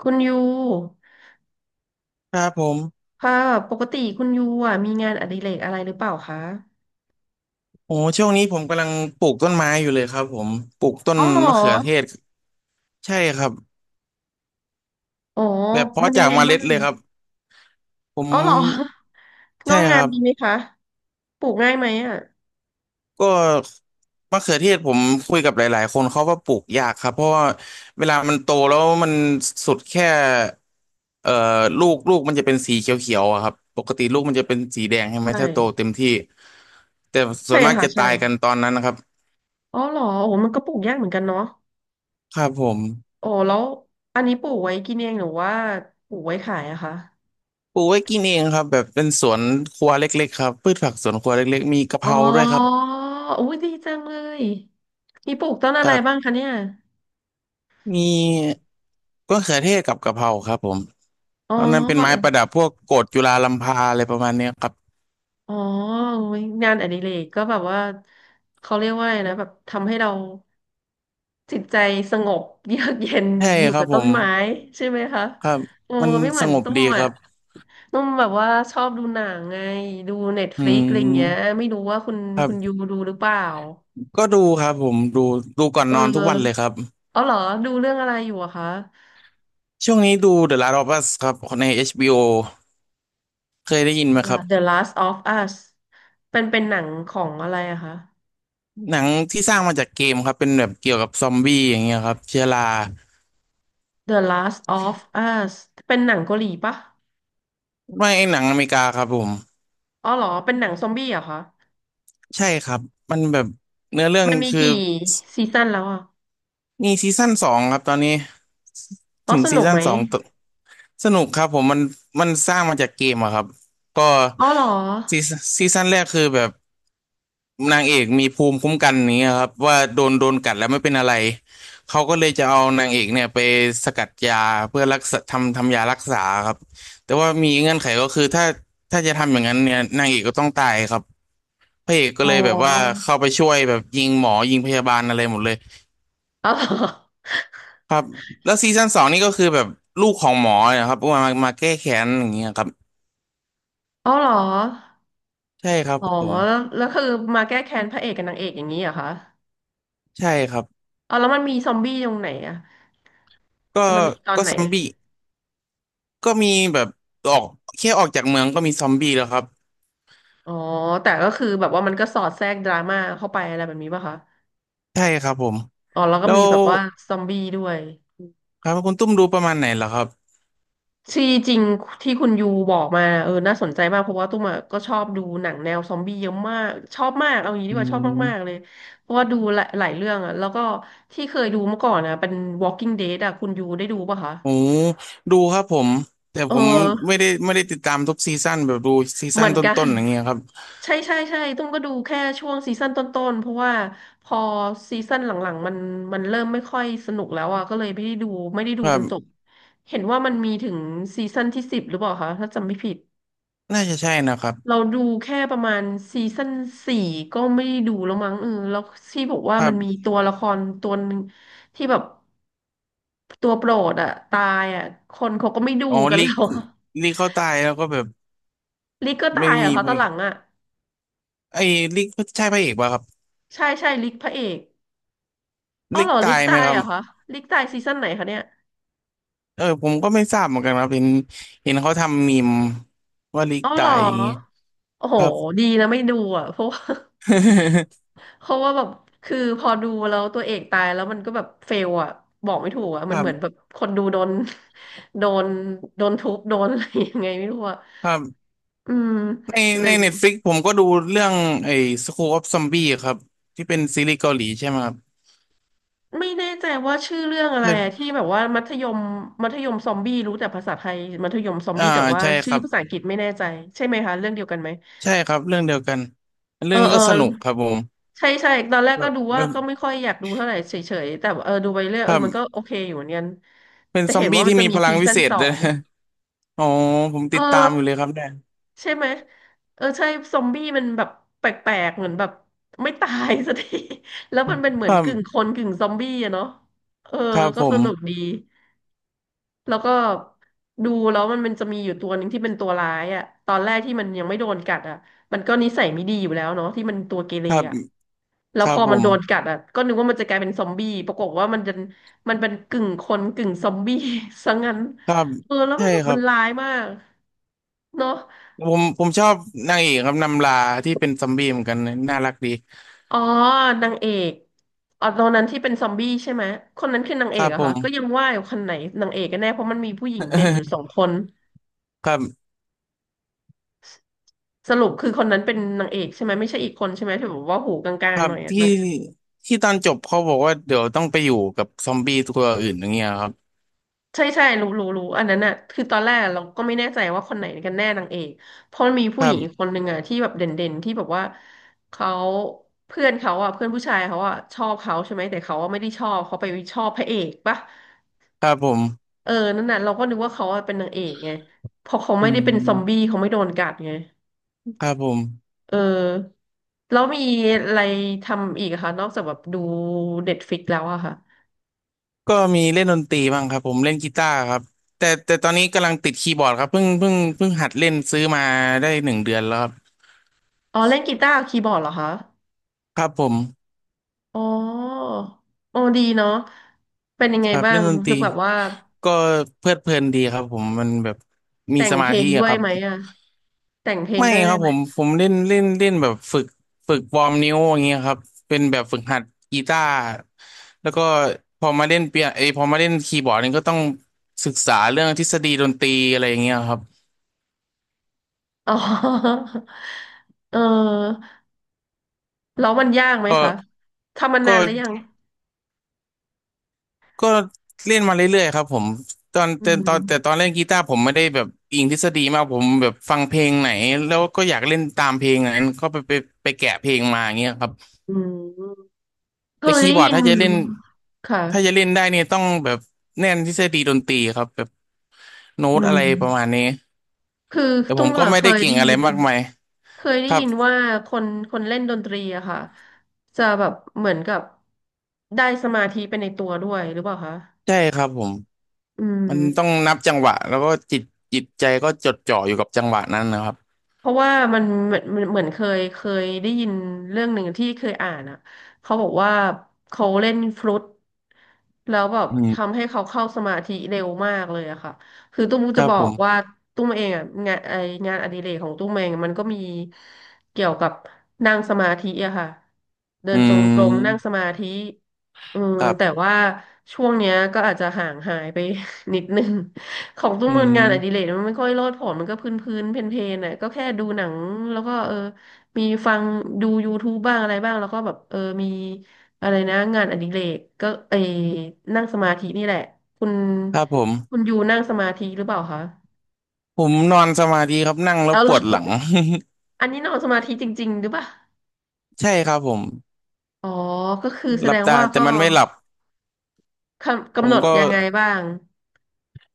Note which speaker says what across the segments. Speaker 1: คุณยู
Speaker 2: ครับผม
Speaker 1: ค่ะปกติคุณยูอ่ะมีงานอดิเรกอะไรหรือเปล่าคะ
Speaker 2: โอ้ช่วงนี้ผมกำลังปลูกต้นไม้อยู่เลยครับผมปลูกต้น
Speaker 1: เอาเหรอ
Speaker 2: มะเขือเทศใช่ครับ
Speaker 1: อ๋อ
Speaker 2: แบบ
Speaker 1: มั
Speaker 2: เพาะ
Speaker 1: นยั
Speaker 2: จา
Speaker 1: ง
Speaker 2: ก
Speaker 1: ไง
Speaker 2: เมล็
Speaker 1: บ้า
Speaker 2: ด
Speaker 1: ง
Speaker 2: เลยครับผม
Speaker 1: ออาเหรอ ง
Speaker 2: ใช่
Speaker 1: อก
Speaker 2: ค
Speaker 1: งา
Speaker 2: รั
Speaker 1: ม
Speaker 2: บ
Speaker 1: ดีไหมคะปลูกง่ายไหมอ่ะ
Speaker 2: ก็มะเขือเทศผมคุยกับหลายๆคนเขาว่าปลูกยากครับเพราะว่าเวลามันโตแล้วมันสุดแค่เอ่อลูกมันจะเป็นสีเขียวๆอะครับปกติลูกมันจะเป็นสีแดงใช่
Speaker 1: ใช
Speaker 2: ไหมถ้าโตเต็
Speaker 1: ่
Speaker 2: มที่แต่ส่
Speaker 1: ใช่
Speaker 2: วนมาก
Speaker 1: ค่ะ
Speaker 2: จะ
Speaker 1: ใช่
Speaker 2: ตายกันตอนนั้นนะครับ
Speaker 1: อ๋อเหรอโอ้มันก็ปลูกยากเหมือนกันเนาะ
Speaker 2: ครับผม
Speaker 1: อ๋อแล้วอันนี้ปลูกไว้กินเองหรือว่าปลูกไว้ขายอะคะ
Speaker 2: ปลูกไว้กินเองครับแบบเป็นสวนครัวเล็กๆครับพืชผักสวนครัวเล็กๆมีกะเพ
Speaker 1: อ๋อ
Speaker 2: ราด้วยครับ
Speaker 1: อุ้ยดีจังเลยมีปลูกต้นอะ
Speaker 2: กั
Speaker 1: ไร
Speaker 2: บ
Speaker 1: บ้างคะเนี่ย
Speaker 2: มีมะเขือเทศกับกะเพราครับผม
Speaker 1: อ๋อ
Speaker 2: ตอนนั้นเป็นไม้ประดับพวกโกฐจุฬาลัมพาอะไรประมาณเนี้ยครับ
Speaker 1: อ๋อโอ้ยงานอดิเรกก็แบบว่าเขาเรียกว่าอะไรนะแบบทำให้เราจิตใจสงบเยือกเย็น
Speaker 2: ใช่
Speaker 1: อยู่
Speaker 2: ครั
Speaker 1: กั
Speaker 2: บ
Speaker 1: บ
Speaker 2: ผ
Speaker 1: ต้น
Speaker 2: ม
Speaker 1: ไม้ใช่ไหมคะ
Speaker 2: ครับ
Speaker 1: โอ้
Speaker 2: มัน
Speaker 1: ไม่เห
Speaker 2: ส
Speaker 1: มือน
Speaker 2: งบ
Speaker 1: ตุ้
Speaker 2: ดี
Speaker 1: ม
Speaker 2: ค
Speaker 1: อ่ะ
Speaker 2: รับ
Speaker 1: ตุ้มแบบว่าชอบดูหนังไงดูเน็ตฟ
Speaker 2: อื
Speaker 1: ลิกอะไรอย่างเงี้ย
Speaker 2: ม
Speaker 1: ไม่รู้ว่าคุณ
Speaker 2: ครั
Speaker 1: คุณยู
Speaker 2: บ
Speaker 1: ดูหรือเปล่า
Speaker 2: ก็ดูครับผมดูดูก่อน
Speaker 1: เอ
Speaker 2: นอนทุกวันเลยค
Speaker 1: อ
Speaker 2: รับ
Speaker 1: อ๋อเหรอดูเรื่องอะไรอยู่อะคะ
Speaker 2: ช่วงนี้ดู The Last of Us ครับใน HBO เคยได้ยินไหมครับ
Speaker 1: The Last of Us เป็นเป็นหนังของอะไรอะคะ
Speaker 2: หนังที่สร้างมาจากเกมครับเป็นแบบเกี่ยวกับซอมบี้อย่างเงี้ยครับเชื้อรา
Speaker 1: The Last of Us เป็นหนังเกาหลีปะ
Speaker 2: ไม่หนังอเมริกาครับผม
Speaker 1: อ๋อเหรอเป็นหนังซอมบี้เหรอะคะ
Speaker 2: ใช่ครับมันแบบเนื้อเรื่อง
Speaker 1: มันมี
Speaker 2: คือ
Speaker 1: กี่ซีซั่นแล้วอ่ะ
Speaker 2: มีซีซั่นสองครับตอนนี้
Speaker 1: อ๋อ
Speaker 2: ถึง
Speaker 1: ส
Speaker 2: ซี
Speaker 1: นุก
Speaker 2: ซั่
Speaker 1: ไห
Speaker 2: น
Speaker 1: ม
Speaker 2: สองตสนุกครับผมมันมันสร้างมาจากเกมอะครับก็
Speaker 1: อ๋อเหรอ
Speaker 2: ซีซนซีซั่นแรกคือแบบนางเอกมีภูมิคุ้มกันนี้ยครับว่าโดนโดนกัดแล้วไม่เป็นอะไรเขาก็เลยจะเอานางเอกเนี่ยไปสกัดยาเพื่อรักษาทำทำยารักษาครับแต่ว่ามีเงื่อนไขก็คือถ้าถ้าจะทำอย่างนั้นเนี่ยนางเอกก็ต้องตายครับ พระเอกก็
Speaker 1: อ๋อ
Speaker 2: เลยแบบว่าเข้าไปช่วยแบบยิงหมอยิงพยาบาลอะไรหมดเลย
Speaker 1: อ๋อเหรอ
Speaker 2: ครับแล้วซีซั่นสองนี่ก็คือแบบลูกของหมอเนะครับมามามาแก้แค้นอย่างเงี้ยครับ
Speaker 1: อ๋อเหรอ
Speaker 2: ใช่ครับ
Speaker 1: อ๋อ
Speaker 2: ผ
Speaker 1: แ
Speaker 2: ม
Speaker 1: ล้วแล้วคือมาแก้แค้นพระเอกกับนางเอกอย่างนี้เหรอคะ
Speaker 2: ใช่ครับ
Speaker 1: อ๋อแล้วมันมีซอมบี้ตรงไหนอ่ะ
Speaker 2: ก็
Speaker 1: แล้วมันมีตอน
Speaker 2: ก็
Speaker 1: ไหน
Speaker 2: ซอม
Speaker 1: เอ่ย
Speaker 2: บี้ก็มีแบบออกแค่ออกจากเมืองก็มีซอมบี้แล้วครับ
Speaker 1: อ๋อแต่ก็คือแบบว่ามันก็สอดแทรกดราม่าเข้าไปอะไรแบบนี้ป่ะคะ
Speaker 2: ใช่ครับผม
Speaker 1: อ๋อแล้วก็
Speaker 2: แล้
Speaker 1: มี
Speaker 2: ว
Speaker 1: แบบว่าซอมบี้ด้วย
Speaker 2: ครับคุณตุ้มดูประมาณไหนเหรอครับ
Speaker 1: ที่จริงที่คุณยูบอกมาเออน่าสนใจมากเพราะว่าตุ้มอะก็ชอบดูหนังแนวซอมบี้เยอะมากชอบมากเอางี้ดี
Speaker 2: อื
Speaker 1: กว่าชอบมากๆเล
Speaker 2: ม
Speaker 1: ยเพราะว่าดูหลายหลายเรื่องอะแล้วก็ที่เคยดูเมื่อก่อนนะเป็น Walking Dead อะคุณยูได้ดูป่ะคะ
Speaker 2: โอ้ดูครับผมแต่
Speaker 1: เออ
Speaker 2: ผมไม่ได้ติดตามทุกซีซั่นแบบดูซี
Speaker 1: เห
Speaker 2: ซั่
Speaker 1: มื
Speaker 2: น
Speaker 1: อน
Speaker 2: ต
Speaker 1: กัน
Speaker 2: ้นๆอย่างเงี้ยครับ
Speaker 1: ใช่ใช่ใช่ตุ้มก็ดูแค่ช่วงซีซั่นต้นๆเพราะว่าพอซีซั่นหลังๆมันเริ่มไม่ค่อยสนุกแล้วอ่ะก็เลยไม่ได้ดูไม่ได้ดูจ
Speaker 2: แบบ
Speaker 1: นจบเห็นว่ามันมีถึงซีซั่นที่สิบหรือเปล่าคะถ้าจำไม่ผิด
Speaker 2: น่าจะใช่นะครับ
Speaker 1: เราดูแค่ประมาณซีซั่นสี่ก็ไม่ได้ดูแล้วมั้งเออแล้วที่บอกว่า
Speaker 2: ค
Speaker 1: มันมี
Speaker 2: รั
Speaker 1: ตัวละครตัวหนึงที่แบบตัวโปรดอะตายอะคนเขาก็ไม่ดู
Speaker 2: อ๋อ
Speaker 1: กัน
Speaker 2: ลิ
Speaker 1: แล้
Speaker 2: ก
Speaker 1: วอะ
Speaker 2: ลิกเขาตายแล้วก็แบบ
Speaker 1: ลิกก็ตา
Speaker 2: ไม่
Speaker 1: ยเหรอ
Speaker 2: มี
Speaker 1: คะต
Speaker 2: เว้
Speaker 1: อน
Speaker 2: ย
Speaker 1: หลังอะ
Speaker 2: ไอ้ลิกใช่พระเอกป่ะครับ
Speaker 1: ใช่ใช่ลิกพระเอกอ๋อ
Speaker 2: ลิ
Speaker 1: เหร
Speaker 2: ก
Speaker 1: อลิ
Speaker 2: ตา
Speaker 1: ก
Speaker 2: ยไหม
Speaker 1: ตาย
Speaker 2: ครั
Speaker 1: เหร
Speaker 2: บ
Speaker 1: อคะลิกตายซีซั่นไหนคะเนี่ย
Speaker 2: เออผมก็ไม่ทราบเหมือนกันครับเห็นเห็นเขาทำมีมว่าลิก
Speaker 1: อ๋อเหร
Speaker 2: ตา
Speaker 1: อ
Speaker 2: ยอย่างงี้
Speaker 1: โอ้โห
Speaker 2: ครับ
Speaker 1: ดีนะไม่ดูอะเพราะว่า เพราะว่าแบบคือพอดูแล้วตัวเอกตายแล้วมันก็แบบเฟลอะบอกไม่ถูกอะ
Speaker 2: ค
Speaker 1: มัน
Speaker 2: รั
Speaker 1: เหมือนแบบ
Speaker 2: บ
Speaker 1: คนดูโดน โดนโดนทุบโดนอะไรยังไงไม่รู้อะ
Speaker 2: ครับ
Speaker 1: อืม
Speaker 2: ใน
Speaker 1: เล
Speaker 2: ใน
Speaker 1: ย
Speaker 2: เน็ตฟลิกผมก็ดูเรื่องไอ้ School of Zombie ครับที่เป็นซีรีส์เกาหลีใช่ไหมครับ
Speaker 1: ไม่แน่ใจว่าชื่อเรื่องอะไร
Speaker 2: เอ
Speaker 1: อะที่
Speaker 2: อ
Speaker 1: แบบว่ามัธยมมัธยมซอมบี้รู้แต่ภาษาไทยมัธยมซอม
Speaker 2: อ่า
Speaker 1: บี้แต่ว่า
Speaker 2: ใช่ค
Speaker 1: ชื่อ
Speaker 2: รับ
Speaker 1: ภาษาอังกฤษไม่แน่ใจใช่ไหมคะเรื่องเดียวกันไหม
Speaker 2: ใช่ครับเรื่องเดียวกัน
Speaker 1: เอ
Speaker 2: เรื่อ
Speaker 1: อ
Speaker 2: งนี้
Speaker 1: เออ
Speaker 2: ก็สนุกครับผม
Speaker 1: ใช่ใช่ตอนแรก
Speaker 2: แบ
Speaker 1: ก็
Speaker 2: บ
Speaker 1: ดู
Speaker 2: แบ
Speaker 1: ว่า
Speaker 2: บ
Speaker 1: ก็ไม่ค่อยอยากดูเท่าไหร่เฉยๆแต่เออดูไปเรื่อย
Speaker 2: ค
Speaker 1: เอ
Speaker 2: รั
Speaker 1: อมันก็โอ
Speaker 2: บ
Speaker 1: เคอยู่เหมือนกัน
Speaker 2: เป็น
Speaker 1: แต่
Speaker 2: ซอ
Speaker 1: เห็
Speaker 2: ม
Speaker 1: นว่า
Speaker 2: บี้
Speaker 1: มัน
Speaker 2: ที่
Speaker 1: จะ
Speaker 2: มี
Speaker 1: มี
Speaker 2: พลั
Speaker 1: ซี
Speaker 2: งวิ
Speaker 1: ซั่น
Speaker 2: เศษ
Speaker 1: สอ
Speaker 2: เลย
Speaker 1: ง
Speaker 2: อ๋อผม
Speaker 1: เอ
Speaker 2: ติ
Speaker 1: อ
Speaker 2: ดตามอยู่เลยครับเนี่ย
Speaker 1: ใช่ไหมเออใช่ซอมบี้มันแบบแปลกๆเหมือนแบบไม่ตายสักที แล้วมันเป็นเหมื
Speaker 2: ค
Speaker 1: อน
Speaker 2: รั
Speaker 1: กึ่งค
Speaker 2: บ
Speaker 1: นกึ่งซอมบี้อะเนาะเออ
Speaker 2: ครับ
Speaker 1: ก็
Speaker 2: ผ
Speaker 1: ส
Speaker 2: ม
Speaker 1: นุกดีแล้วก็ดูแล้วมันจะมีอยู่ตัวหนึ่งที่เป็นตัวร้ายอะตอนแรกที่มันยังไม่โดนกัดอะมันก็นิสัยไม่ดีอยู่แล้วเนาะที่มันตัวเกเร
Speaker 2: ครับ
Speaker 1: อะแล้
Speaker 2: ค
Speaker 1: วพ
Speaker 2: รับ
Speaker 1: อ
Speaker 2: ผ
Speaker 1: มัน
Speaker 2: ม
Speaker 1: โดนกัดอะก็นึกว่ามันจะกลายเป็นซอมบี้ปรากฏว่ามันจะมันเป็นกึ่งคนกึ่งซอมบี้ ซะงั้น
Speaker 2: ครับ
Speaker 1: เออแล้ว
Speaker 2: ใช่
Speaker 1: มันแบบ
Speaker 2: ครั
Speaker 1: มัน
Speaker 2: บ
Speaker 1: ร้ายมากเนาะ
Speaker 2: ผมผมชอบนางเอกครับนำลาที่เป็นซอมบี้เหมือนกันนะน่ารักดี
Speaker 1: อ๋อนางเอกอ๋อตอนนั้นที่เป็นซอมบี้ใช่ไหมคนนั้นคือนาง
Speaker 2: ค
Speaker 1: เอก
Speaker 2: รับ
Speaker 1: เหรอะ
Speaker 2: ผ
Speaker 1: คะ
Speaker 2: ม
Speaker 1: ก็ยังว่าอยู่คนไหนนางเอกกันแน่เพราะมันมีผู้หญิงเด่นอยู่สองคน
Speaker 2: ครับ
Speaker 1: สรุปคือคนนั้นเป็นนางเอกใช่ไหมไม่ใช่อีกคนใช่ไหมที่แบบว่าหูกลา
Speaker 2: ค
Speaker 1: ง
Speaker 2: รั
Speaker 1: ๆห
Speaker 2: บ
Speaker 1: น่อยอะ
Speaker 2: ที่
Speaker 1: นาง
Speaker 2: ที่ตอนจบเขาบอกว่าเดี๋ยวต้องไปอยู่กับซอมบี้ตัวอื่นอย่างเงี้ยครับ
Speaker 1: ใช่ใช่รู้รู้รู้อันนั้นอะคือตอนแรกเราก็ไม่แน่ใจว่าคนไหนกันแน่นางเอกเพราะมันมี
Speaker 2: ค
Speaker 1: ผู้
Speaker 2: รั
Speaker 1: หญิงอีกค
Speaker 2: บ
Speaker 1: นหนึ่งอะที่แบบเด่นๆที่แบบว่าเขาเพื่อนเขาอะเพื่อนผู้ชายเขาอะชอบเขาใช่ไหมแต่เขาอะไม่ได้ชอบเขาไปชอบพระเอกปะ
Speaker 2: ครับผม
Speaker 1: เออนั่นน่ะเราก็นึกว่าเขาอะเป็นนางเอกไงเพอเขา
Speaker 2: อื
Speaker 1: ไม่ได้เป็นซอมบี้
Speaker 2: ม
Speaker 1: เขาไม่โดนกัดไง
Speaker 2: ครับผม
Speaker 1: เออแล้วมีอะไรทำอีกอะคะนอกจากแบบดูเด็ดฟิกแล้วอะค่ะ
Speaker 2: ก็มีเล่นดนตรีบ้างครับผมเล่นกีตาร์ครับแต่แต่ตอนนี้กำลังติดคีย์บอร์ดครับเพิ่งหัดเล่นซื้อมาได้1 เดือนแล้วครับ
Speaker 1: อ๋อเล่นกีตาร์กับคีย์บอร์ดเหรอคะ
Speaker 2: ครับผม
Speaker 1: อ๋อโอ้ดีเนาะเป็นยังไง
Speaker 2: ครับ
Speaker 1: บ้า
Speaker 2: เล่
Speaker 1: ง
Speaker 2: นดนต
Speaker 1: คื
Speaker 2: รี
Speaker 1: อแบบว่า
Speaker 2: ก็เพลิดเพลินดีครับผมมันแบบมี
Speaker 1: แต่
Speaker 2: ส
Speaker 1: งเพ
Speaker 2: มา
Speaker 1: ล
Speaker 2: ธิ
Speaker 1: งด้
Speaker 2: อะ
Speaker 1: ว
Speaker 2: ค
Speaker 1: ย
Speaker 2: รับ
Speaker 1: ไหมอะแต่งเพลง
Speaker 2: ไม่
Speaker 1: ด้วย
Speaker 2: ค
Speaker 1: ได้
Speaker 2: รับ
Speaker 1: ไห
Speaker 2: ผ
Speaker 1: ม
Speaker 2: มผมเล่นเล่นเล่นแบบฝึกฝึกวอร์มนิ้วอย่างเงี้ยครับเป็นแบบฝึกหัดกีตาร์แล้วก็พอมาเล่นเปียเอยพอมาเล่นคีย์บอร์ดนี่ก็ต้องศึกษาเรื่องทฤษฎีดนตรีอะไรอย่างเงี้ยครับ
Speaker 1: อ๋อ เออแล้วมันยากไหม
Speaker 2: ก็
Speaker 1: คะทำมานา
Speaker 2: ก็
Speaker 1: นแล้วยัง
Speaker 2: ก็เล่นมาเรื่อยๆครับผม
Speaker 1: อื
Speaker 2: ตอ
Speaker 1: ม
Speaker 2: นเล่นกีตาร์ผมไม่ได้แบบอิงทฤษฎีมากผมแบบฟังเพลงไหนแล้วก็อยากเล่นตามเพลงนั้นก็ไปแกะเพลงมาอย่างเงี้ยครับ
Speaker 1: อืมเค
Speaker 2: แต่
Speaker 1: ย
Speaker 2: คี
Speaker 1: ได้
Speaker 2: ย์บอร์ด
Speaker 1: ยิน
Speaker 2: ถ้าจะเล่นถ้าจะ
Speaker 1: ค่ะ
Speaker 2: เล่นได้เนี่ยต้องแบบแน่นทฤษฎีดนตรีครับแบบโน้
Speaker 1: อื
Speaker 2: ตอะไรประมา
Speaker 1: ม
Speaker 2: ณนี้
Speaker 1: คือ
Speaker 2: แต่ผ
Speaker 1: ตุ้ม
Speaker 2: มก็
Speaker 1: ก็
Speaker 2: ไม่
Speaker 1: เค
Speaker 2: ได้
Speaker 1: ย
Speaker 2: เก่
Speaker 1: ได้
Speaker 2: งอะ
Speaker 1: ยิ
Speaker 2: ไร
Speaker 1: น
Speaker 2: มากมาย
Speaker 1: เคยได้
Speaker 2: ครับ
Speaker 1: ยินว่าคนคนเล่นดนตรีอะค่ะจะแบบเหมือนกับได้สมาธิไปในตัวด้วยหรือเปล่าคะ
Speaker 2: ใช่ครับผม
Speaker 1: อื
Speaker 2: มันต้อง
Speaker 1: ม
Speaker 2: นับจังหวะแล้วก็จิตจิตใจก็จดจ่ออยู่กับจังหวะนั้นนะครับ
Speaker 1: เพราะว่ามันเหมือนเคยได้ยินเรื่องหนึ่งที่เคยอ่านอ่ะเขาบอกว่าเขาเล่นฟลุตแล้วแบบ
Speaker 2: อื
Speaker 1: ทำ
Speaker 2: ม
Speaker 1: ให้เขาเข้าสมาธิเร็วมากเลยอะค่ะคือตุ้ม
Speaker 2: ค
Speaker 1: จะ
Speaker 2: รับ
Speaker 1: บอ
Speaker 2: ผ
Speaker 1: กว่า
Speaker 2: ม
Speaker 1: ตุ้มเองอะงานอดิเรกของตุ้มเองมันก็มีเกี่ยวกับนั่งสมาธิอะค่ะเดิ
Speaker 2: อื
Speaker 1: นจงกรมนั่งส
Speaker 2: ม
Speaker 1: มาธิเออ
Speaker 2: ครั
Speaker 1: แต่
Speaker 2: บ
Speaker 1: ว่าช่วงเนี้ยก็อาจจะห่างหายไป นิดนึง ของตุ้ม
Speaker 2: อื
Speaker 1: มันงานอดิเร
Speaker 2: ม
Speaker 1: กมันไม่ค่อยโลดโผนมันก็พื้นพื้นเพนเพนๆน่ะก็แค่ดูหนังแล้วก็เออมีฟังดู YouTube บ้างอะไรบ้างแล้วก็แบบเออมีอะไรนะงานอดิเรกก็เออนั่งสมาธินี่แหละคุณ
Speaker 2: ครับผม
Speaker 1: คุณอยู่นั่งสมาธิหรือเปล่าคะ
Speaker 2: ผมนอนสมาธิครับนั่งแล้ว
Speaker 1: เอา
Speaker 2: ป
Speaker 1: เหรอ
Speaker 2: วดหลัง
Speaker 1: อันนี้นอนสมาธิจริงๆหรือเปล่า
Speaker 2: ใช่ครับผม
Speaker 1: อ๋อก็คือแส
Speaker 2: หลั
Speaker 1: ด
Speaker 2: บ
Speaker 1: ง
Speaker 2: ตา
Speaker 1: ว่า
Speaker 2: แต่
Speaker 1: ก็
Speaker 2: มันไม่หลับผ
Speaker 1: กำห
Speaker 2: ม
Speaker 1: นด
Speaker 2: ก็
Speaker 1: ยังไงบ้าง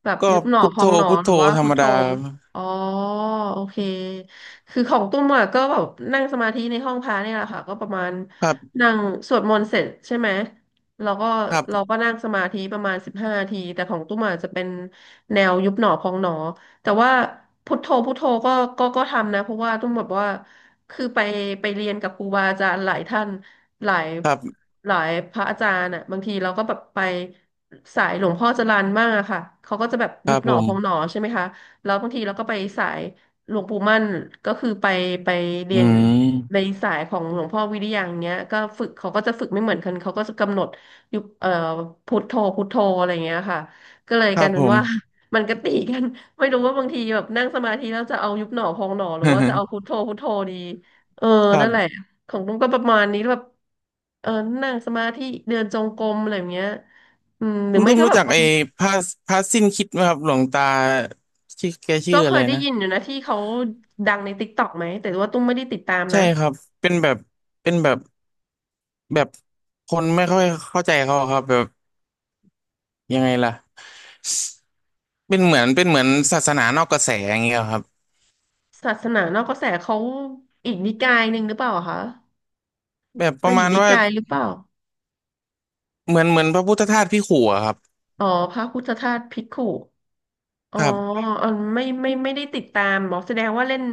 Speaker 1: แบบ
Speaker 2: ก็
Speaker 1: ยุบหนอ
Speaker 2: พุท
Speaker 1: พ
Speaker 2: โธ
Speaker 1: องหนอ
Speaker 2: พุท
Speaker 1: ห
Speaker 2: โธ
Speaker 1: รือว่า
Speaker 2: ธร
Speaker 1: พุ
Speaker 2: ร
Speaker 1: ท
Speaker 2: ม
Speaker 1: โธ
Speaker 2: ดา
Speaker 1: อ๋อโอเคคือของตุ้มอะก็แบบนั่งสมาธิในห้องพระเนี่ยแหละค่ะก็ประมาณ
Speaker 2: ครับ
Speaker 1: นั่งสวดมนต์เสร็จใช่ไหมแล้วก็
Speaker 2: ครั
Speaker 1: เรา
Speaker 2: บ
Speaker 1: ก็นั่งสมาธิประมาณ15ทีแต่ของตุ้มอะจะเป็นแนวยุบหนอพองหนอแต่ว่าพุทโธพุทโธก็ก็ทำนะเพราะว่าตุ้มแบบว่าคือไปเรียนกับครูบาอาจารย์หลายท่าน หลาย
Speaker 2: ครับ
Speaker 1: หลายพระอาจารย์อ่ะบางทีเราก็แบบไปสายหลวงพ่อจรัญมากอะค่ะเขาก็จะแบบ
Speaker 2: ค
Speaker 1: ยุ
Speaker 2: รั
Speaker 1: บ
Speaker 2: บ
Speaker 1: หน
Speaker 2: ผ
Speaker 1: อพองหน
Speaker 2: ม
Speaker 1: อใช่ไหมคะแล้วบางทีเราก็ไปสายหลวงปู่มั่นก็คือไปเรี
Speaker 2: อื
Speaker 1: ยนใน
Speaker 2: ม
Speaker 1: สายของหลวงพ่อวิริยังเนี้ยก็ฝึกเขาก็จะฝึกไม่เหมือนกันเขาก็จะกำหนดยุบพุทโธพุทโธอะไรอย่างเงี้ยค่ะก็เลย
Speaker 2: ค
Speaker 1: ก
Speaker 2: รั
Speaker 1: ลา
Speaker 2: บ
Speaker 1: ยเป็
Speaker 2: ผ
Speaker 1: น
Speaker 2: ม
Speaker 1: ว่า มันก็ตีกันไม่รู้ว่าบางทีแบบนั่งสมาธิแล้วจะเอายุบหนอพองหนอหรือว่าจะเอาพุท โธพุทโธดีเออ
Speaker 2: ครั
Speaker 1: นั่นแหละ
Speaker 2: บ
Speaker 1: ของตุ้มก็ประมาณนี้แบบเออนั่งสมาธิเดินจงกรมอะไรอย่างเงี้ยอืมหรื
Speaker 2: คุ
Speaker 1: อ
Speaker 2: ณ
Speaker 1: ไม่
Speaker 2: ตุ้ม
Speaker 1: ก็
Speaker 2: รู้
Speaker 1: แบบ
Speaker 2: จัก
Speaker 1: มัน
Speaker 2: ไอ้พระพระสิ้นคิดไหมครับหลวงตาชื่อแกชื่
Speaker 1: ก็
Speaker 2: อ
Speaker 1: เค
Speaker 2: อะไร
Speaker 1: ยได้
Speaker 2: นะ
Speaker 1: ยินอยู่นะที่เขาดังในติ๊กต็อกไหมแต่ว่าตุ้มไม่ได้ติดตาม
Speaker 2: ใช่
Speaker 1: นะ
Speaker 2: ครับเป็นแบบเป็นแบบแบบคนไม่ค่อยเข้าใจเขาครับแบบยังไงล่ะเป็นเหมือนศาสนานอกกระแสอย่างเงี้ยครับ
Speaker 1: ศาสนานอกกระแสเขาอีกนิกายหนึ่งหรือเปล่าอะคะ
Speaker 2: แบบป
Speaker 1: เป็
Speaker 2: ระ
Speaker 1: นอี
Speaker 2: มา
Speaker 1: ก
Speaker 2: ณ
Speaker 1: นิ
Speaker 2: ว่า
Speaker 1: กายหรือเปล่า
Speaker 2: เหมือนพระพุทธทาสพี่ขู่อะครับ
Speaker 1: อ๋อพระพุทธทาสภิกขุอ๋อ
Speaker 2: ครับ
Speaker 1: อ๋อไม่ได้ติดตามบอกแสดงว่าเล่น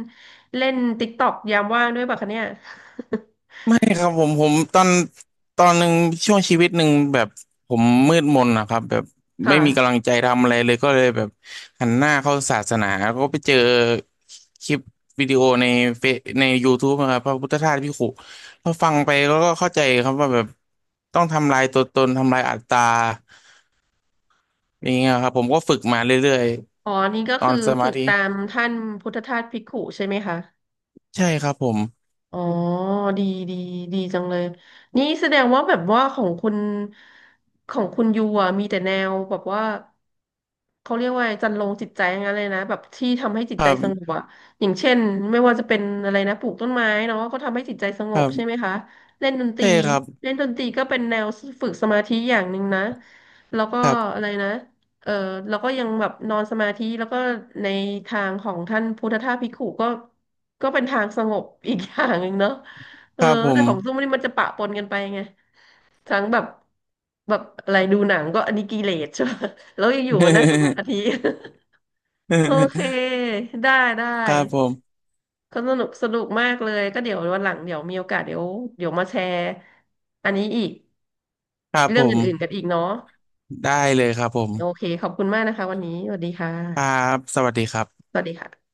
Speaker 1: เล่นติ๊กต็อกยามว่างด้วยป่ะคะเนี่ย
Speaker 2: ไม่ครับผมผมตอนหนึ่งช่วงชีวิตหนึ่งแบบผมมืดมนนะครับแบบ ไม่
Speaker 1: ค่ะ
Speaker 2: มีกำลังใจทำอะไรเลยก็เลยแบบหันหน้าเข้าศาสนาก็ไปเจอคลิปวิดีโอในเฟซใน YouTube นะครับพระพุทธทาสพี่ขู่พอฟังไปแล้วก็เข้าใจครับว่าแบบต้องทำลายตัวตนทำลายอัตตาอย่างเงี้ยครับผมก็ฝึกมาเรื่อย
Speaker 1: อ๋อนี่ก็
Speaker 2: ๆตอ
Speaker 1: คือ
Speaker 2: นสมา
Speaker 1: ฝึก
Speaker 2: ธิ
Speaker 1: ตามท่านพุทธทาสภิกขุใช่ไหมคะ
Speaker 2: ใช่ครับผม
Speaker 1: อ๋อดีดีดีจังเลยนี่แสดงว่าแบบว่าของคุณยูอ่ะมีแต่แนวแบบว่าเขาเรียกว่าจันโลงจิตใจอย่างนั้นเลยนะแบบที่ทำให้จิต
Speaker 2: ค
Speaker 1: ใจ
Speaker 2: รั
Speaker 1: สงบ
Speaker 2: บ
Speaker 1: อ่ะอย่างเช่นไม่ว่าจะเป็นอะไรนะปลูกต้นไม้เนาะก็ทำให้จิตใจสง
Speaker 2: ครั
Speaker 1: บใช่ไหม
Speaker 2: บ
Speaker 1: คะเล่นดนตรี
Speaker 2: ใช่ครับ
Speaker 1: ก็เป็นแนวฝึกสมาธิอย่างหนึ่งนะแล้วก็อะไรนะ เออแล้วก็ยังแบบนอนสมาธิแล้วก็ในทางของท่านพุทธทาสภิกขุก็เป็นทางสงบอีกอย่างหนึ่งเนาะเอ
Speaker 2: ค
Speaker 1: อ
Speaker 2: รับผ
Speaker 1: แต่
Speaker 2: ม
Speaker 1: ของซุ้มนี่มันจะปะปนกันไปไงทั้งแบบแบบอะไรดูหนังก็อันนี้กิเลสใช่ไหมแล้วอยู่ๆมานั่งสมาธิ โอเค ได้ได้
Speaker 2: ครับผม
Speaker 1: ก็สนุกสนุกมากเลยก็เดี๋ยววันหลังเดี๋ยวมีโอกาสเดี๋ยวมาแชร์อันนี้อีก
Speaker 2: ครับผ
Speaker 1: เรื่องอื่นๆกัน
Speaker 2: ม
Speaker 1: อีกเนาะ
Speaker 2: ได้เลยครับผม
Speaker 1: โอเคขอบคุณมากนะคะวันนี้สวัสดีค่
Speaker 2: ครั
Speaker 1: ะ
Speaker 2: บสวัสดีครับ
Speaker 1: สวัสดีค่ะ